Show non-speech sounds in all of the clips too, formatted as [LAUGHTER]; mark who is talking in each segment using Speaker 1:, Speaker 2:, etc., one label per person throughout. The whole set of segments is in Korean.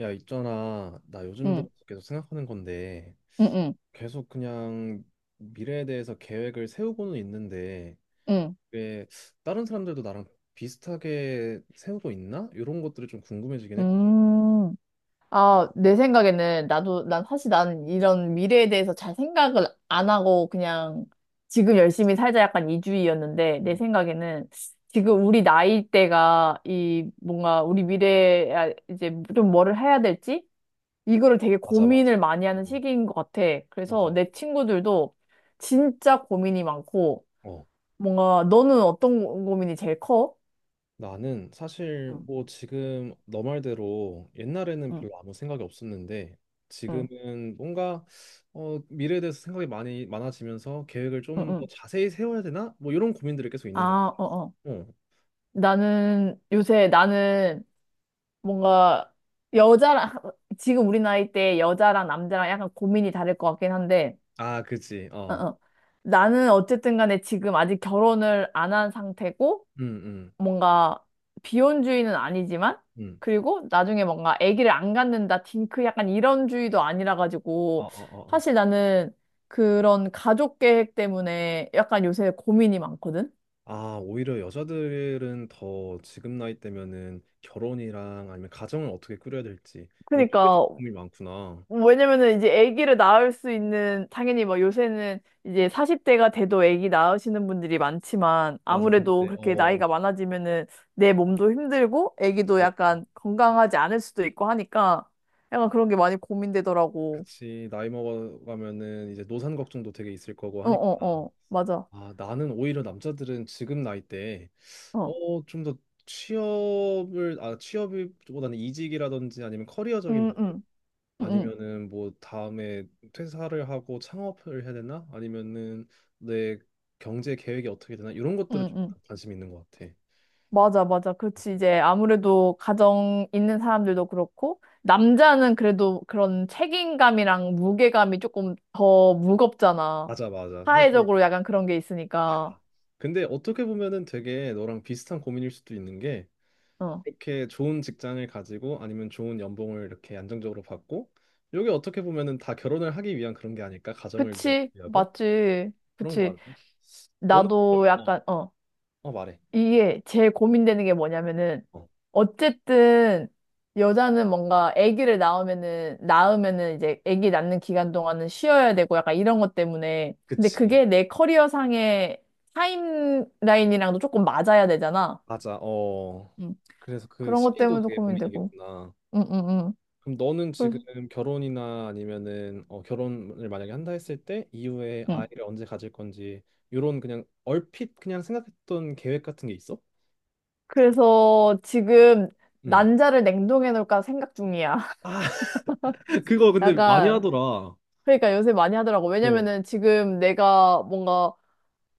Speaker 1: 야, 있잖아. 나 요즘 들어
Speaker 2: 응,
Speaker 1: 계속 생각하는 건데,
Speaker 2: 응, 응,
Speaker 1: 계속 그냥 미래에 대해서 계획을 세우고는 있는데,
Speaker 2: 응.
Speaker 1: 왜 다른 사람들도 나랑 비슷하게 세우고 있나? 이런 것들이 좀 궁금해지긴 했거든.
Speaker 2: 음. 아, 내 생각에는 나도, 난 사실 난 이런 미래에 대해서 잘 생각을 안 하고 그냥 지금 열심히 살자 약간 이주의였는데 내
Speaker 1: 음,
Speaker 2: 생각에는 지금 우리 나이 대가 이 뭔가 우리 미래에 아, 이제 좀 뭐를 해야 될지 이거를 되게
Speaker 1: 맞아, 맞아.
Speaker 2: 고민을 많이 하는
Speaker 1: 어,
Speaker 2: 시기인 것 같아. 그래서
Speaker 1: 맞아.
Speaker 2: 내 친구들도 진짜 고민이 많고
Speaker 1: 어,
Speaker 2: 뭔가 너는 어떤 고민이 제일 커?
Speaker 1: 나는 사실
Speaker 2: 응,
Speaker 1: 뭐 지금 너 말대로 옛날에는
Speaker 2: 응,
Speaker 1: 별로 아무 생각이 없었는데,
Speaker 2: 응,
Speaker 1: 지금은 뭔가 미래에 대해서 생각이 많이 많아지면서 계획을
Speaker 2: 응,
Speaker 1: 좀 더
Speaker 2: 응.
Speaker 1: 자세히 세워야 되나? 뭐 이런 고민들이 계속 있는 거.
Speaker 2: 아, 어, 어.
Speaker 1: 어.
Speaker 2: 나는 요새 나는 뭔가 여자랑 지금 우리 나이 때 여자랑 남자랑 약간 고민이 다를 것 같긴 한데,
Speaker 1: 아, 그치.
Speaker 2: 어,
Speaker 1: 어.
Speaker 2: 어. 나는 어쨌든 간에 지금 아직 결혼을 안 한 상태고
Speaker 1: 응응응
Speaker 2: 뭔가 비혼주의는 아니지만 그리고 나중에 뭔가 아기를 안 갖는다 딩크 약간 이런 주의도 아니라
Speaker 1: 어, 어,
Speaker 2: 가지고
Speaker 1: 어, 어.
Speaker 2: 사실 나는 그런 가족 계획 때문에 약간 요새 고민이 많거든.
Speaker 1: 아, 오히려 여자들은 더 지금 나이 때면은 결혼이랑 아니면 가정을 어떻게 꾸려야 될지 요쪽에 좀
Speaker 2: 그러니까
Speaker 1: 고민이 많구나.
Speaker 2: 왜냐면은 이제 아기를 낳을 수 있는 당연히 뭐 요새는 이제 40대가 돼도 아기 낳으시는 분들이 많지만
Speaker 1: 맞아.
Speaker 2: 아무래도
Speaker 1: 근데
Speaker 2: 그렇게 나이가 많아지면은 내 몸도 힘들고 아기도
Speaker 1: 그치.
Speaker 2: 약간 건강하지 않을 수도 있고 하니까 약간 그런 게 많이 고민되더라고.
Speaker 1: 그치. 나이 먹어가면은 이제 노산 걱정도 되게 있을 거고
Speaker 2: 어, 어,
Speaker 1: 하니까.
Speaker 2: 어. 맞아.
Speaker 1: 아, 나는 오히려 남자들은 지금 나이 때
Speaker 2: 어.
Speaker 1: 좀 더 취업보다는 이직이라든지 아니면 커리어적인
Speaker 2: 음,
Speaker 1: 부분
Speaker 2: 음. 음, 음.
Speaker 1: 아니면은 뭐 다음에 퇴사를 하고 창업을 해야 되나? 아니면은 내 경제 계획이 어떻게 되나? 이런
Speaker 2: 음,
Speaker 1: 것들을 좀
Speaker 2: 음.
Speaker 1: 관심 있는 것 같아.
Speaker 2: 맞아, 맞아. 그렇지. 이제 아무래도 가정 있는 사람들도 그렇고, 남자는 그래도 그런 책임감이랑 무게감이 조금 더 무겁잖아.
Speaker 1: 맞아, 맞아. 사실
Speaker 2: 사회적으로 약간 그런 게 있으니까.
Speaker 1: 근데 어떻게 보면은 되게 너랑 비슷한 고민일 수도 있는 게
Speaker 2: 어.
Speaker 1: 이렇게 좋은 직장을 가지고 아니면 좋은 연봉을 이렇게 안정적으로 받고 이게 어떻게 보면은 다 결혼을 하기 위한 그런 게 아닐까? 가정을
Speaker 2: 그치.
Speaker 1: 위하고
Speaker 2: 맞지.
Speaker 1: 그런
Speaker 2: 그치.
Speaker 1: 것 같네. 너는 그럼
Speaker 2: 나도 약간, 어.
Speaker 1: 어 말해.
Speaker 2: 이게 제일 고민되는 게 뭐냐면은
Speaker 1: 어,
Speaker 2: 어쨌든 여자는 뭔가 아기를 낳으면은 이제 아기 낳는 기간 동안은 쉬어야 되고 약간 이런 것 때문에 근데
Speaker 1: 그치.
Speaker 2: 그게 내 커리어상의 타임라인이랑도 조금 맞아야 되잖아.
Speaker 1: 맞아. 어.
Speaker 2: 음.
Speaker 1: 그래서 그
Speaker 2: 그런 것
Speaker 1: 시기도
Speaker 2: 때문에도
Speaker 1: 되게
Speaker 2: 고민되고.
Speaker 1: 고민이겠구나.
Speaker 2: 음, 음, 음.
Speaker 1: 그럼 너는
Speaker 2: 그래서,
Speaker 1: 지금 결혼이나 아니면은 결혼을 만약에 한다 했을 때 이후에
Speaker 2: 음.
Speaker 1: 아이를 언제 가질 건지 이런 그냥 얼핏 그냥 생각했던 계획 같은 게 있어?
Speaker 2: 그래서 지금
Speaker 1: 응.
Speaker 2: 난자를 냉동해 놓을까 생각 중이야.
Speaker 1: 아,
Speaker 2: [LAUGHS]
Speaker 1: [LAUGHS] 그거 근데 많이
Speaker 2: 약간
Speaker 1: 하더라. 어,
Speaker 2: 그러니까 요새 많이 하더라고.
Speaker 1: 어,
Speaker 2: 왜냐면은 지금 내가 뭔가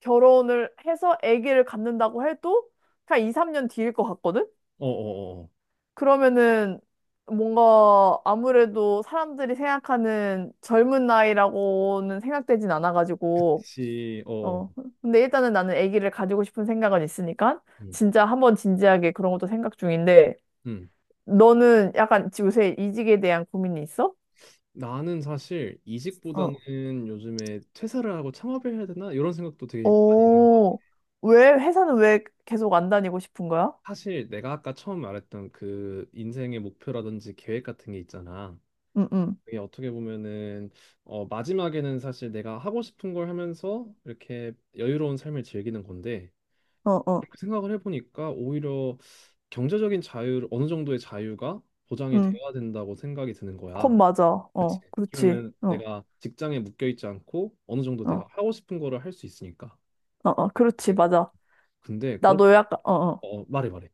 Speaker 2: 결혼을 해서 아기를 갖는다고 해도 그냥 2, 3년 뒤일 것 같거든?
Speaker 1: 어, 어. 어.
Speaker 2: 그러면은 뭔가 아무래도 사람들이 생각하는 젊은 나이라고는 생각되진 않아가지고,
Speaker 1: 혹시
Speaker 2: 어. 근데 일단은 나는 아기를 가지고 싶은 생각은 있으니까,
Speaker 1: 음.
Speaker 2: 진짜 한번 진지하게 그런 것도 생각 중인데,
Speaker 1: 음.
Speaker 2: 너는 약간 요새 이직에 대한 고민이 있어?
Speaker 1: 나는 사실
Speaker 2: 어.
Speaker 1: 이직보다는 요즘에 퇴사를 하고 창업을 해야 되나 이런 생각도 되게 많이 있는 것 같아.
Speaker 2: 오, 왜, 회사는 왜 계속 안 다니고 싶은 거야?
Speaker 1: 사실 내가 아까 처음 말했던 그 인생의 목표라든지 계획 같은 게 있잖아.
Speaker 2: 응, 응.
Speaker 1: 이게 어떻게 보면은 마지막에는 사실 내가 하고 싶은 걸 하면서 이렇게 여유로운 삶을 즐기는 건데
Speaker 2: 어, 어.
Speaker 1: 그렇게 생각을 해보니까 오히려 경제적인 자유 어느 정도의 자유가 보장이 되어야 된다고 생각이 드는
Speaker 2: 컵
Speaker 1: 거야.
Speaker 2: 맞아.
Speaker 1: 그치?
Speaker 2: 어, 그렇지.
Speaker 1: 그러면
Speaker 2: 어,
Speaker 1: 내가 직장에 묶여 있지 않고 어느 정도 내가
Speaker 2: 어,
Speaker 1: 하고 싶은 거를 할 수 있으니까.
Speaker 2: 어, 어, 그렇지. 맞아.
Speaker 1: 근데 그렇게
Speaker 2: 나도 약간, 어, 어.
Speaker 1: 어 말해 말해.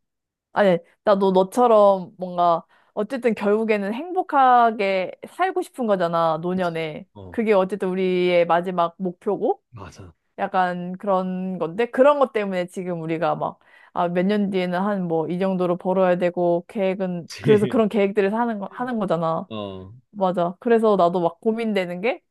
Speaker 2: 아니, 나도 너처럼 뭔가, 어쨌든 결국에는 행복하게 살고 싶은 거잖아,
Speaker 1: 그치?
Speaker 2: 노년에.
Speaker 1: 어
Speaker 2: 그게 어쨌든 우리의 마지막 목표고,
Speaker 1: 맞아.
Speaker 2: 약간 그런 건데, 그런 것 때문에 지금 우리가 막, 아, 몇 년 뒤에는 한 뭐, 이 정도로 벌어야 되고, 계획은, 그래서
Speaker 1: 그치?
Speaker 2: 그런 계획들을 하는 거잖아.
Speaker 1: [LAUGHS] 어
Speaker 2: 맞아. 그래서 나도 막 고민되는 게,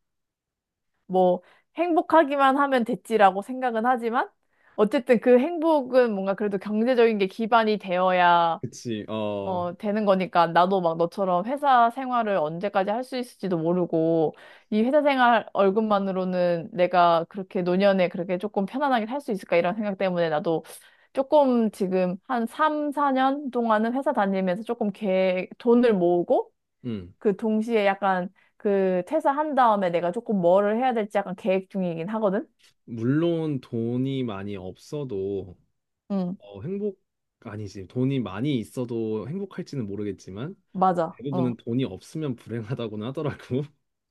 Speaker 2: 뭐 행복하기만 하면 됐지라고 생각은 하지만 어쨌든 그 행복은 뭔가 그래도 경제적인 게 기반이 되어야
Speaker 1: 그치? 어
Speaker 2: 되는 거니까 나도 막 너처럼 회사 생활을 언제까지 할 수 있을지도 모르고 이 회사 생활 월급만으로는 내가 그렇게 노년에 그렇게 조금 편안하게 살 수 있을까 이런 생각 때문에 나도 조금 지금 한 3, 4년 동안은 회사 다니면서 조금 계획, 돈을 모으고
Speaker 1: 음.
Speaker 2: 그 동시에 약간 그 퇴사한 다음에 내가 조금 뭐를 해야 될지 약간 계획 중이긴 하거든?
Speaker 1: 물론 돈이 많이 없어도
Speaker 2: 응,
Speaker 1: 어, 행복 아니지. 돈이 많이 있어도 행복할지는 모르겠지만
Speaker 2: 맞아. 어.
Speaker 1: 대부분은 돈이 없으면 불행하다고는 하더라고.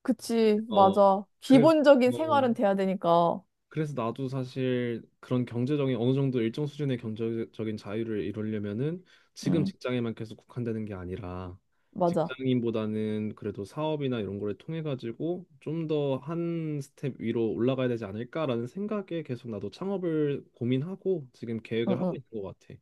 Speaker 2: 그치,
Speaker 1: [LAUGHS] 어,
Speaker 2: 맞아.
Speaker 1: 그래서
Speaker 2: 기본적인
Speaker 1: 어,
Speaker 2: 생활은 돼야 되니까.
Speaker 1: 그래서 나도 사실 그런 경제적인 어느 정도 일정 수준의 경제적인 자유를 이루려면은 지금
Speaker 2: 응,
Speaker 1: 직장에만 계속 국한되는 게 아니라
Speaker 2: 맞아.
Speaker 1: 직장인보다는 그래도 사업이나 이런 거를 통해 가지고 좀 더 한 스텝 위로 올라가야 되지 않을까라는 생각에 계속 나도 창업을 고민하고 지금
Speaker 2: 응,
Speaker 1: 계획을 하고
Speaker 2: 응.
Speaker 1: 있는 것 같아.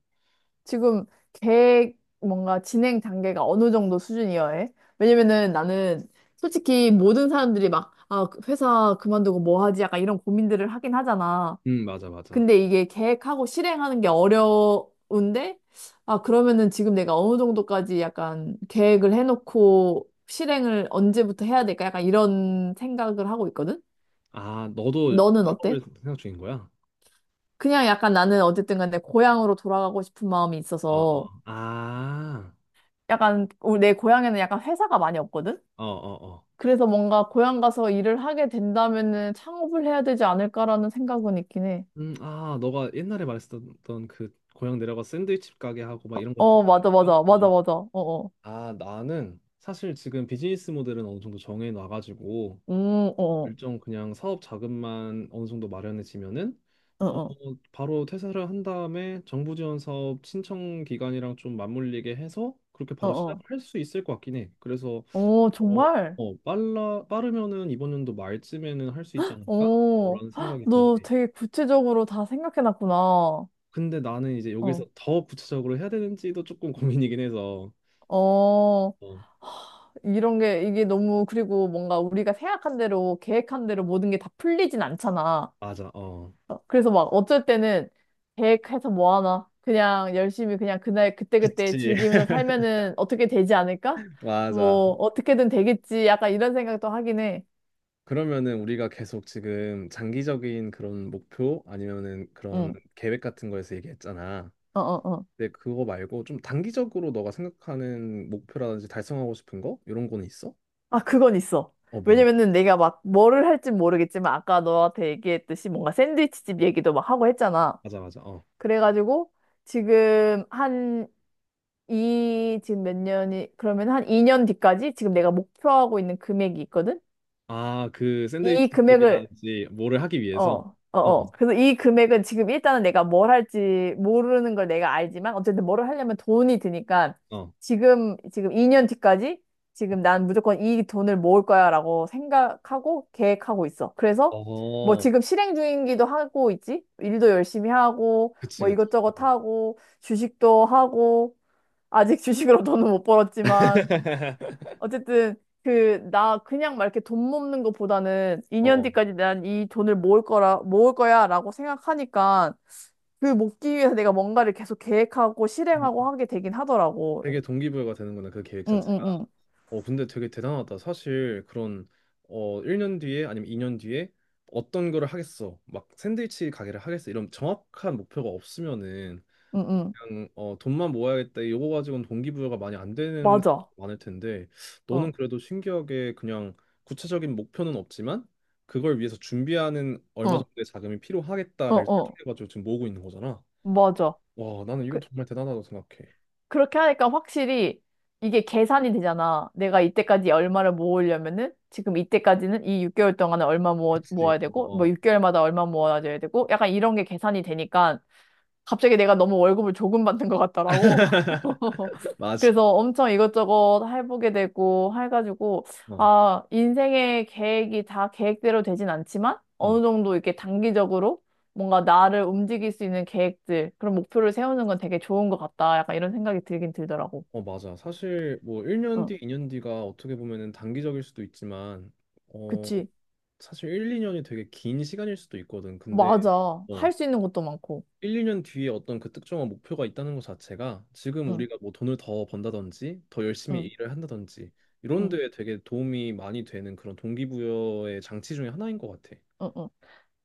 Speaker 2: 지금 계획 뭔가 진행 단계가 어느 정도 수준이어야 해? 왜냐면은 나는 솔직히 모든 사람들이 막, 아, 그 회사 그만두고 뭐 하지? 약간 이런 고민들을 하긴 하잖아.
Speaker 1: 맞아, 맞아.
Speaker 2: 근데 이게 계획하고 실행하는 게 어려운데, 아, 그러면은 지금 내가 어느 정도까지 약간 계획을 해놓고 실행을 언제부터 해야 될까? 약간 이런 생각을 하고 있거든?
Speaker 1: 아, 너도
Speaker 2: 너는
Speaker 1: 창업을
Speaker 2: 어때?
Speaker 1: 생각 중인 거야?
Speaker 2: 그냥 약간 나는 어쨌든 간에 고향으로 돌아가고 싶은 마음이
Speaker 1: 어, 어,
Speaker 2: 있어서
Speaker 1: 어. 아,
Speaker 2: 약간 우리 내 고향에는 약간 회사가 많이 없거든?
Speaker 1: 어, 어, 어.
Speaker 2: 그래서 뭔가 고향 가서 일을 하게 된다면은 창업을 해야 되지 않을까라는 생각은 있긴 해.
Speaker 1: 아, 너가 옛날에 말했었던 그 고향 내려가 샌드위치 가게 하고 막 이런 거.
Speaker 2: 어,
Speaker 1: 말하는
Speaker 2: 맞아,
Speaker 1: 건가?
Speaker 2: 맞아, 맞아, 맞아. 어, 어.
Speaker 1: 어. 아, 나는 사실 지금 비즈니스 모델은 어느 정도 정해 놔가지고
Speaker 2: 어, 어,
Speaker 1: 일정 그냥 사업 자금만 어느 정도 마련해지면은
Speaker 2: 어,
Speaker 1: 어,
Speaker 2: 어,
Speaker 1: 바로 퇴사를 한 다음에 정부 지원 사업 신청 기간이랑 좀 맞물리게 해서 그렇게
Speaker 2: 어.
Speaker 1: 바로
Speaker 2: 어.
Speaker 1: 시작을 할 수 있을 것 같긴 해. 그래서
Speaker 2: 어,
Speaker 1: 어,
Speaker 2: 정말?
Speaker 1: 빠르면은 이번 연도 말쯤에는 할 수 있지 않을까?
Speaker 2: 어,
Speaker 1: 라는
Speaker 2: 헉,
Speaker 1: 생각이 들긴
Speaker 2: 너
Speaker 1: 해.
Speaker 2: 되게 구체적으로 다 생각해놨구나. 어,
Speaker 1: 근데 나는 이제 여기서 더 구체적으로 해야 되는지도 조금 [LAUGHS] 고민이긴 해서.
Speaker 2: 어,
Speaker 1: 어,
Speaker 2: 이게 너무, 그리고 뭔가 우리가 생각한 대로, 계획한 대로 모든 게 다 풀리진 않잖아.
Speaker 1: 맞아, 어.
Speaker 2: 어, 그래서 막 어쩔 때는 계획해서 뭐 하나? 그냥 열심히 그냥 그날 그때그때
Speaker 1: 그치,
Speaker 2: 즐기면서
Speaker 1: [LAUGHS]
Speaker 2: 살면은 어떻게 되지 않을까?
Speaker 1: 맞아.
Speaker 2: 뭐, 어떻게든 되겠지. 약간 이런 생각도 하긴 해.
Speaker 1: 그러면은 우리가 계속 지금 장기적인 그런 목표 아니면은 그런
Speaker 2: 응,
Speaker 1: 계획 같은 거에서 얘기했잖아.
Speaker 2: 어, 어, 어.
Speaker 1: 근데 그거 말고 좀 단기적으로 너가 생각하는 목표라든지 달성하고 싶은 거? 이런 거는 있어?
Speaker 2: 아, 그건 있어.
Speaker 1: 어, 뭔데?
Speaker 2: 왜냐면은 내가 막 뭐를 할진 모르겠지만 아까 너한테 얘기했듯이 뭔가 샌드위치집 얘기도 막 하고 했잖아.
Speaker 1: 맞아, 맞아, 어.
Speaker 2: 그래가지고 지금 한 이, 지금 몇 년이, 그러면 한 2년 뒤까지 지금 내가 목표하고 있는 금액이 있거든?
Speaker 1: 아, 그 샌드위치
Speaker 2: 이 금액을
Speaker 1: 집이라든지 뭐를 하기
Speaker 2: 어,
Speaker 1: 위해서.
Speaker 2: 어,
Speaker 1: 어,
Speaker 2: 어. 그래서 이 금액은 지금 일단은 내가 뭘 할지 모르는 걸 내가 알지만 어쨌든 뭐를 하려면 돈이 드니까
Speaker 1: 어,
Speaker 2: 지금 2년 뒤까지 지금 난 무조건 이 돈을 모을 거야라고 생각하고 계획하고 있어. 그래서 뭐
Speaker 1: 어,
Speaker 2: 지금 실행 중이기도 하고 있지? 일도 열심히 하고
Speaker 1: 그치,
Speaker 2: 뭐
Speaker 1: 그치.
Speaker 2: 이것저것
Speaker 1: 어,
Speaker 2: 하고 주식도 하고 아직 [LAUGHS] 주식으로 돈은 못 벌었지만
Speaker 1: [LAUGHS]
Speaker 2: 어쨌든 그 나 그냥 막 이렇게 돈 모으는 것보다는 2년
Speaker 1: 어.
Speaker 2: 뒤까지 난 이 돈을 모을 거라 모을 거야라고 생각하니까 그 모기 위해서 내가 뭔가를 계속 계획하고
Speaker 1: 음,
Speaker 2: 실행하고 하게 되긴 하더라고.
Speaker 1: 되게 동기부여가 되는구나, 그 계획 자체가.
Speaker 2: 응응응
Speaker 1: 근데 되게 대단하다. 사실 그런 1년 뒤에 아니면 2년 뒤에 어떤 거를 하겠어. 막 샌드위치 가게를 하겠어. 이런 정확한 목표가 없으면은
Speaker 2: 응응
Speaker 1: 약간 돈만 모아야겠다 이거 가지고는 동기부여가 많이 안 되는 사람도
Speaker 2: 맞아.
Speaker 1: 많을 텐데 너는 그래도 신기하게 그냥 구체적인 목표는 없지만 그걸 위해서 준비하는 얼마
Speaker 2: 어어어어
Speaker 1: 정도의 자금이 필요하겠다를 설정해가지고 지금 모으고 있는 거잖아.
Speaker 2: 맞아.
Speaker 1: 와 나는 이거
Speaker 2: 그
Speaker 1: 정말 대단하다고 생각해.
Speaker 2: 그렇게 하니까 확실히 이게 계산이 되잖아. 내가 이때까지 얼마를 모으려면은 지금 이때까지는 이 6개월 동안에 얼마 모아,
Speaker 1: 그치?
Speaker 2: 모아야
Speaker 1: 어,
Speaker 2: 되고 뭐
Speaker 1: 어.
Speaker 2: 6개월마다 얼마 모아줘야 되고 약간 이런 게 계산이 되니까 갑자기 내가 너무 월급을 조금 받는 것 같더라고.
Speaker 1: [LAUGHS]
Speaker 2: [LAUGHS]
Speaker 1: 맞아.
Speaker 2: 그래서 엄청 이것저것 해보게 되고 해가지고
Speaker 1: 어,
Speaker 2: 아 인생의 계획이 다 계획대로 되진 않지만
Speaker 1: 응.
Speaker 2: 어느 정도 이렇게 단기적으로 뭔가 나를 움직일 수 있는 계획들, 그런 목표를 세우는 건 되게 좋은 것 같다. 약간 이런 생각이 들긴 들더라고.
Speaker 1: 어, 맞아. 사실 뭐 1년
Speaker 2: 응,
Speaker 1: 뒤, 2년 뒤가 어떻게 보면은 단기적일 수도 있지만 어,
Speaker 2: 그치.
Speaker 1: 사실 1, 2년이 되게 긴 시간일 수도 있거든. 근데
Speaker 2: 맞아.
Speaker 1: 어,
Speaker 2: 할 수 있는 것도 많고.
Speaker 1: 1, 2년 뒤에 어떤 그 특정한 목표가 있다는 것 자체가 지금
Speaker 2: 응,
Speaker 1: 우리가 뭐 돈을 더 번다든지 더 열심히
Speaker 2: 응,
Speaker 1: 일을 한다든지 이런
Speaker 2: 응,
Speaker 1: 데에 되게 도움이 많이 되는 그런 동기부여의 장치 중에 하나인 것 같아.
Speaker 2: 응, 응.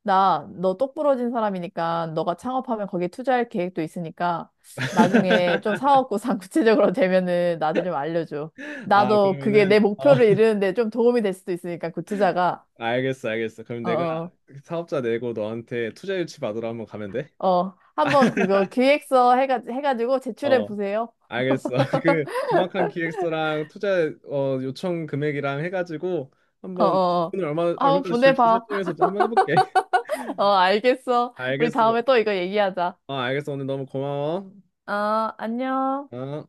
Speaker 2: 나, 너 똑부러진 사람이니까, 너가 창업하면 거기에 투자할 계획도 있으니까, 나중에 좀 사업구상 [LAUGHS] 구체적으로 되면은 나한테 좀 알려줘.
Speaker 1: 아,
Speaker 2: 나도 그게
Speaker 1: 그러면은
Speaker 2: 내 목표를
Speaker 1: [LAUGHS]
Speaker 2: 이루는데 좀 도움이 될 수도 있으니까, 그 투자가.
Speaker 1: 알겠어, 알겠어. 그럼
Speaker 2: 어,
Speaker 1: 내가
Speaker 2: 어,
Speaker 1: 사업자 내고 너한테 투자 유치 받으러 한번 가면 돼?
Speaker 2: 어. 한번 그거 기획서 해가지고 제출해
Speaker 1: 어,
Speaker 2: 보세요.
Speaker 1: 알겠어. [LAUGHS] 그 정확한 기획서랑 투자 요청 금액이랑 해가지고
Speaker 2: 어, 어.
Speaker 1: 한번
Speaker 2: 어.
Speaker 1: 돈을 얼마
Speaker 2: 한번
Speaker 1: 얼마까지 줄지
Speaker 2: 보내봐.
Speaker 1: 설정해서 또 한번 해볼게. [LAUGHS]
Speaker 2: [LAUGHS] 어, 알겠어. 우리
Speaker 1: 알겠어.
Speaker 2: 다음에 또 이거 얘기하자.
Speaker 1: 어, 알겠어. 오늘 너무 고마워.
Speaker 2: 어, 안녕.
Speaker 1: 어.